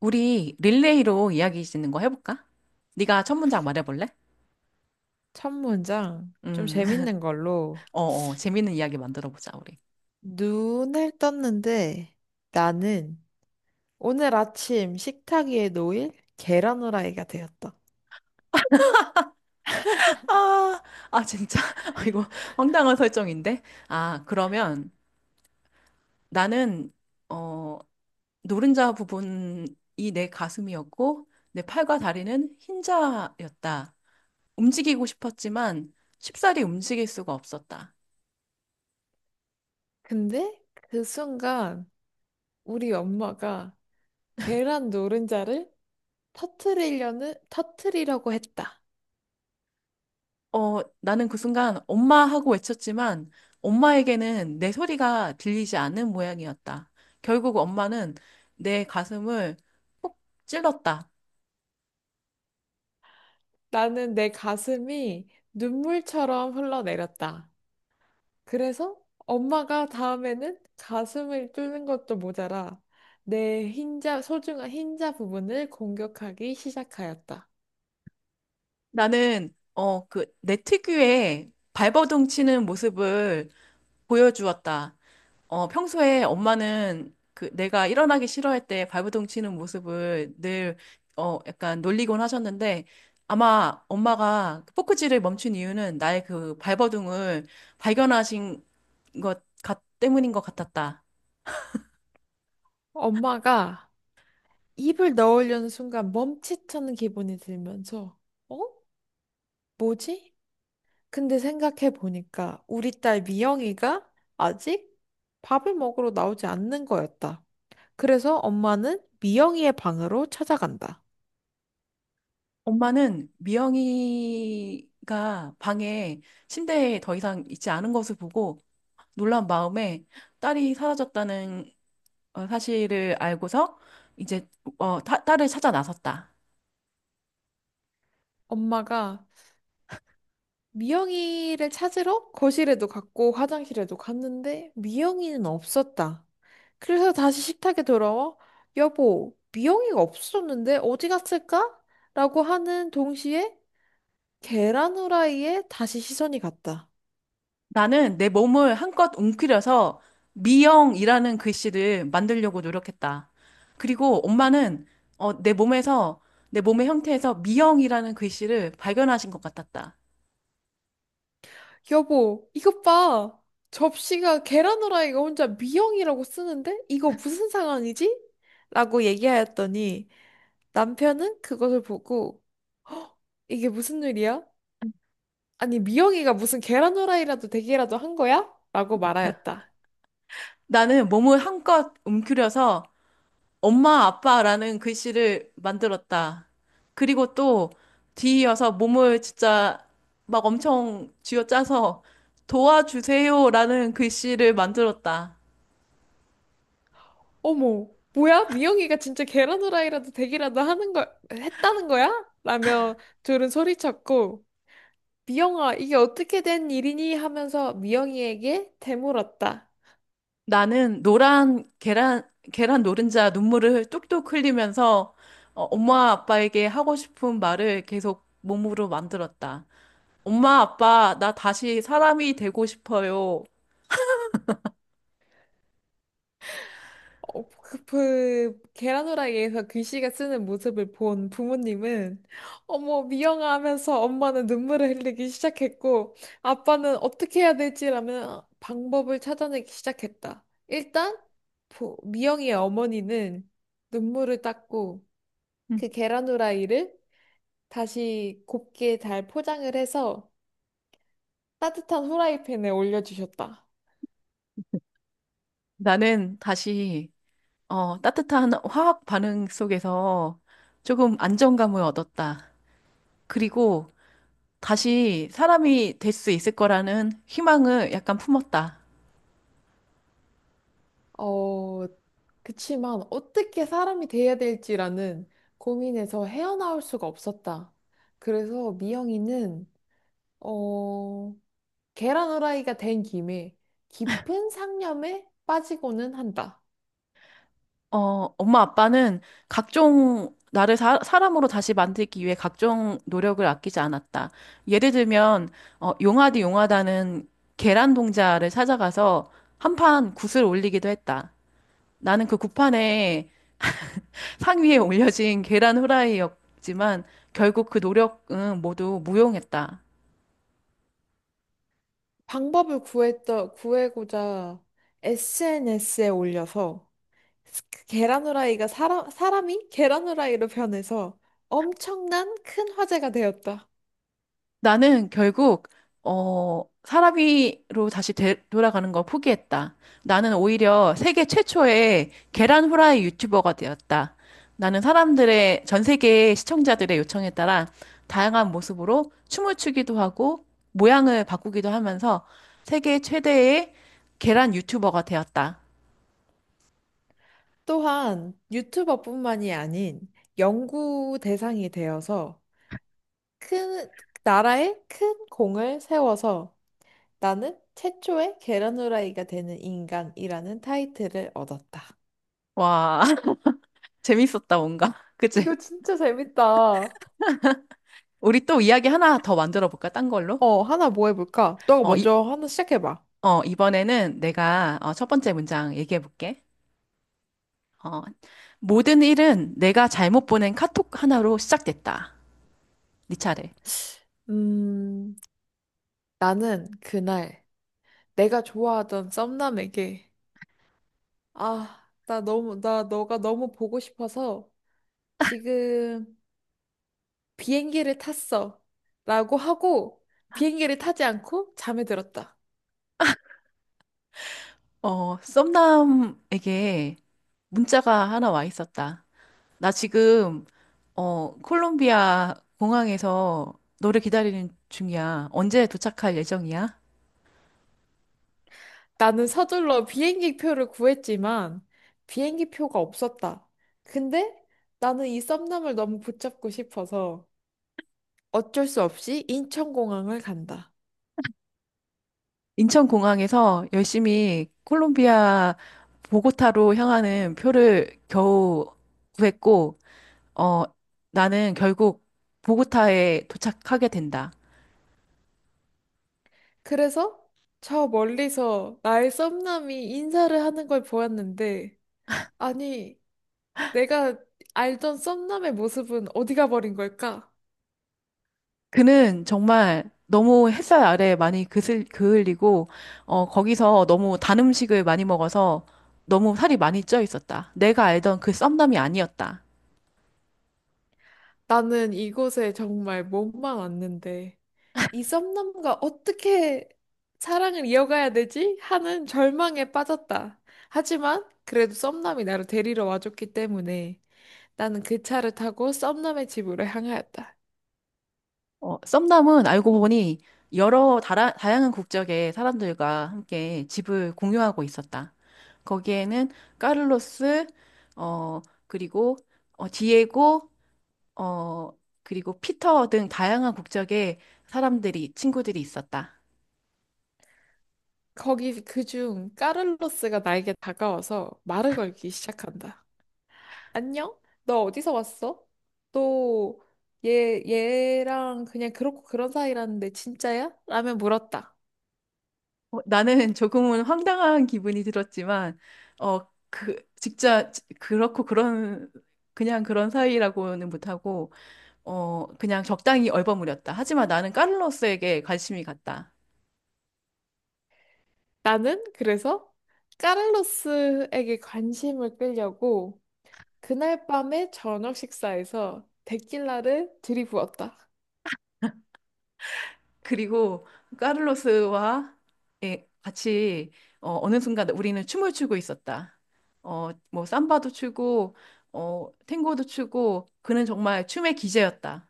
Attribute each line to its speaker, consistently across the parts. Speaker 1: 우리 릴레이로 이야기 짓는 거 해볼까? 네가 첫 문장 말해볼래?
Speaker 2: 첫 문장 좀
Speaker 1: 음,
Speaker 2: 재밌는 걸로.
Speaker 1: 재밌는 이야기 만들어보자, 우리.
Speaker 2: 눈을 떴는데 나는 오늘 아침 식탁 위에 놓일 계란 후라이가 되었다.
Speaker 1: 아, 진짜. 아, 이거 황당한 설정인데? 아, 그러면 나는, 어, 노른자 부분이 내 가슴이었고, 내 팔과 다리는 흰자였다. 움직이고 싶었지만 쉽사리 움직일 수가 없었다.
Speaker 2: 근데 그 순간 우리 엄마가 계란 노른자를 터트리려는 터트리려고 했다.
Speaker 1: 나는 그 순간 엄마 하고 외쳤지만 엄마에게는 내 소리가 들리지 않는 모양이었다. 결국 엄마는 내 가슴을 콕 찔렀다.
Speaker 2: 나는 내 가슴이 눈물처럼 흘러내렸다. 그래서 엄마가 다음에는 가슴을 뚫는 것도 모자라 내 흰자, 소중한 흰자 부분을 공격하기 시작하였다.
Speaker 1: 나는 그 내 특유의 발버둥 치는 모습을 보여주었다. 어, 평소에 엄마는 그 내가 일어나기 싫어할 때 발버둥 치는 모습을 늘 약간 놀리곤 하셨는데 아마 엄마가 그 포크질을 멈춘 이유는 나의 그 발버둥을 발견하신 때문인 것 같았다.
Speaker 2: 엄마가 입을 넣으려는 순간 멈칫하는 기분이 들면서, 어? 뭐지? 근데 생각해 보니까 우리 딸 미영이가 아직 밥을 먹으러 나오지 않는 거였다. 그래서 엄마는 미영이의 방으로 찾아간다.
Speaker 1: 엄마는 미영이가 방에 침대에 더 이상 있지 않은 것을 보고 놀란 마음에 딸이 사라졌다는 사실을 알고서 이제 딸을 찾아 나섰다.
Speaker 2: 엄마가 미영이를 찾으러 거실에도 갔고 화장실에도 갔는데 미영이는 없었다. 그래서 다시 식탁에 돌아와 여보, 미영이가 없어졌는데 어디 갔을까? 라고 하는 동시에 계란 후라이에 다시 시선이 갔다.
Speaker 1: 나는 내 몸을 한껏 움츠려서 미영이라는 글씨를 만들려고 노력했다. 그리고 엄마는 내 몸에서, 내 몸의 형태에서 미영이라는 글씨를 발견하신 것 같았다.
Speaker 2: 여보, 이것 봐. 접시가 계란 후라이가 혼자 미영이라고 쓰는데 이거 무슨 상황이지? 라고 얘기하였더니 남편은 그것을 보고 "허, 이게 무슨 일이야? 아니, 미영이가 무슨 계란 후라이라도 되기라도 한 거야? 라고 말하였다.
Speaker 1: 나는 몸을 한껏 움츠려서 엄마 아빠라는 글씨를 만들었다. 그리고 또 뒤이어서 몸을 진짜 막 엄청 쥐어짜서 도와주세요라는 글씨를 만들었다.
Speaker 2: 어머, 뭐야? 미영이가 진짜 계란 후라이라도 되기라도 하는 걸, 했다는 거야? 라며 둘은 소리쳤고, 미영아, 이게 어떻게 된 일이니? 하면서 미영이에게 되물었다.
Speaker 1: 나는 노란 계란 노른자 눈물을 뚝뚝 흘리면서 엄마 아빠에게 하고 싶은 말을 계속 몸으로 만들었다. 엄마 아빠 나 다시 사람이 되고 싶어요.
Speaker 2: 그 계란후라이에서 귀씨가 쓰는 모습을 본 부모님은 어머 미영아 하면서 엄마는 눈물을 흘리기 시작했고 아빠는 어떻게 해야 될지라며 방법을 찾아내기 시작했다. 일단 미영이의 어머니는 눈물을 닦고
Speaker 1: 음.
Speaker 2: 그 계란후라이를 다시 곱게 잘 포장을 해서 따뜻한 후라이팬에 올려주셨다.
Speaker 1: 나는 다시 따뜻한 화학 반응 속에서 조금 안정감을 얻었다. 그리고 다시 사람이 될 수 있을 거라는 희망을 약간 품었다.
Speaker 2: 어, 그치만 어떻게 사람이 돼야 될지라는 고민에서 헤어나올 수가 없었다. 그래서 미영이는, 어, 계란 후라이가 된 김에 깊은 상념에 빠지고는 한다.
Speaker 1: 어, 엄마 아빠는 각종 사람으로 다시 만들기 위해 각종 노력을 아끼지 않았다. 예를 들면 용하디 용하다는 계란 동자를 찾아가서 한 판 굿을 올리기도 했다. 나는 그 굿판에 상 위에 올려진 계란 후라이였지만 결국 그 노력은 모두 무용했다.
Speaker 2: 구해고자 SNS에 올려서 그 계란 후라이가 사람이 계란 후라이로 변해서 엄청난 큰 화제가 되었다.
Speaker 1: 나는 결국 사람이로 돌아가는 걸 포기했다. 나는 오히려 세계 최초의 계란 후라이 유튜버가 되었다. 나는 사람들의 전 세계 시청자들의 요청에 따라 다양한 모습으로 춤을 추기도 하고 모양을 바꾸기도 하면서 세계 최대의 계란 유튜버가 되었다.
Speaker 2: 또한 유튜버뿐만이 아닌 연구 대상이 되어서 큰 나라에 큰 공을 세워서 나는 최초의 계란 후라이가 되는 인간이라는 타이틀을 얻었다.
Speaker 1: 와, 재밌었다 뭔가. 그치?
Speaker 2: 이거 진짜 재밌다.
Speaker 1: 우리 또 이야기 하나 더 만들어 볼까? 딴 걸로?
Speaker 2: 어, 하나 뭐 해볼까? 너가
Speaker 1: 어,
Speaker 2: 먼저 하나 시작해봐.
Speaker 1: 이번에는 내가 첫 번째 문장 얘기해 볼게. 어, 모든 일은 내가 잘못 보낸 카톡 하나로 시작됐다. 네 차례.
Speaker 2: 음, 나는 그날 내가 좋아하던 썸남에게 아, 나 너가 너무 보고 싶어서 지금 비행기를 탔어. 라고 하고 비행기를 타지 않고 잠에 들었다.
Speaker 1: 어, 썸남에게 문자가 하나 와 있었다. 나 지금 콜롬비아 공항에서 너를 기다리는 중이야. 언제 도착할 예정이야?
Speaker 2: 나는 서둘러 비행기 표를 구했지만 비행기 표가 없었다. 근데 나는 이 썸남을 너무 붙잡고 싶어서 어쩔 수 없이 인천공항을 간다.
Speaker 1: 인천 공항에서 열심히 콜롬비아 보고타로 향하는 표를 겨우 구했고 어, 나는 결국 보고타에 도착하게 된다.
Speaker 2: 그래서 저 멀리서 나의 썸남이 인사를 하는 걸 보았는데 아니 내가 알던 썸남의 모습은 어디 가버린 걸까?
Speaker 1: 그는 정말 너무 햇살 아래 많이 그을리고, 거기서 너무 단 음식을 많이 먹어서 너무 살이 많이 쪄 있었다. 내가 알던 그 썸남이 아니었다.
Speaker 2: 나는 이곳에 정말 몸만 왔는데 이 썸남과 어떻게 사랑을 이어가야 되지? 하는 절망에 빠졌다. 하지만 그래도 썸남이 나를 데리러 와줬기 때문에 나는 그 차를 타고 썸남의 집으로 향하였다.
Speaker 1: 어, 썸남은 알고 보니 다양한 국적의 사람들과 함께 집을 공유하고 있었다. 거기에는 까를로스, 어, 그리고 디에고, 어, 그리고 피터 등 다양한 국적의 친구들이 있었다.
Speaker 2: 거기 그 중 까를로스가 나에게 다가와서 말을 걸기 시작한다. 안녕? 너 어디서 왔어? 또 얘랑 그냥 그렇고 그런 사이라는데 진짜야? 라며 물었다.
Speaker 1: 어, 나는 조금은 황당한 기분이 들었지만, 그렇고 그런, 그냥 그런 사이라고는 못하고, 그냥 적당히 얼버무렸다. 하지만 나는 카를로스에게 관심이 갔다.
Speaker 2: 나는 그래서 카를로스에게 관심을 끌려고 그날 밤의 저녁 식사에서 데킬라를 들이부었다.
Speaker 1: 그리고 카를로스와 예, 같이 어느 순간 우리는 춤을 추고 있었다. 어, 뭐 삼바도 추고 탱고도 추고 그는 정말 춤의 기재였다.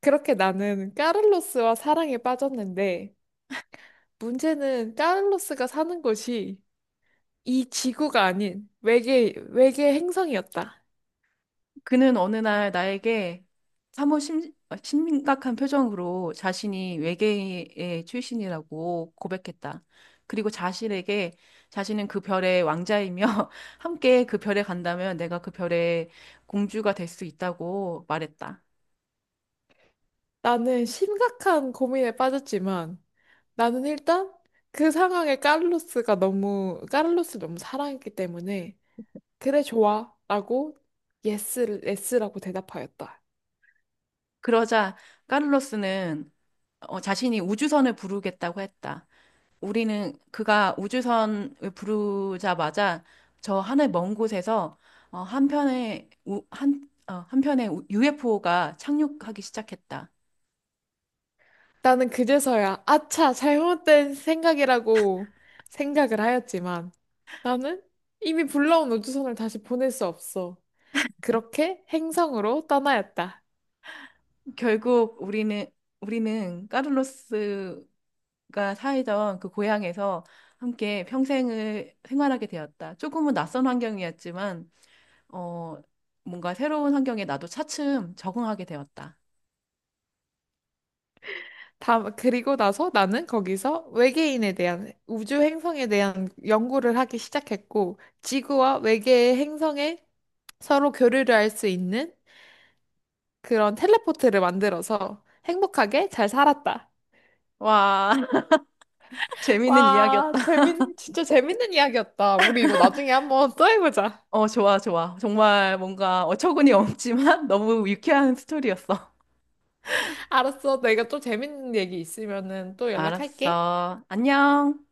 Speaker 2: 그렇게 나는 카를로스와 사랑에 빠졌는데 문제는 카를로스가 사는 곳이 이 지구가 아닌 외계 행성이었다.
Speaker 1: 그는 어느 날 나에게 심각한 표정으로 자신이 외계인의 출신이라고 고백했다. 그리고 자신에게 자신은 그 별의 왕자이며 함께 그 별에 간다면 내가 그 별의 공주가 될 수 있다고 말했다.
Speaker 2: 나는 심각한 고민에 빠졌지만 나는 일단 그 상황에 카를로스가 너무 카를로스를 너무 사랑했기 때문에 그래 좋아라고 예스를 예스라고 대답하였다.
Speaker 1: 그러자 카를로스는 자신이 우주선을 부르겠다고 했다. 우리는 그가 우주선을 부르자마자 저 하늘 먼 곳에서 어, 한편의 우, 한, 어, 한편의 UFO가 착륙하기 시작했다.
Speaker 2: 나는 그제서야 아차 잘못된 생각이라고 생각을 하였지만 나는 이미 불러온 우주선을 다시 보낼 수 없어. 그렇게 행성으로 떠나였다.
Speaker 1: 결국 우리는 카를로스가 살던 그 고향에서 함께 평생을 생활하게 되었다. 조금은 낯선 환경이었지만 어 뭔가 새로운 환경에 나도 차츰 적응하게 되었다.
Speaker 2: 다 그리고 나서 나는 거기서 외계인에 대한 우주 행성에 대한 연구를 하기 시작했고 지구와 외계의 행성에 서로 교류를 할 수 있는 그런 텔레포트를 만들어서 행복하게 잘 살았다.
Speaker 1: 와, 재밌는 이야기였다.
Speaker 2: 와, 진짜 재밌는 이야기였다. 우리 이거 나중에 한번 또 해보자.
Speaker 1: 어, 좋아, 좋아. 정말 뭔가 어처구니 없지만 너무 유쾌한 스토리였어.
Speaker 2: 알았어. 내가 또 재밌는 얘기 있으면은 또 연락할게.
Speaker 1: 알았어. 안녕.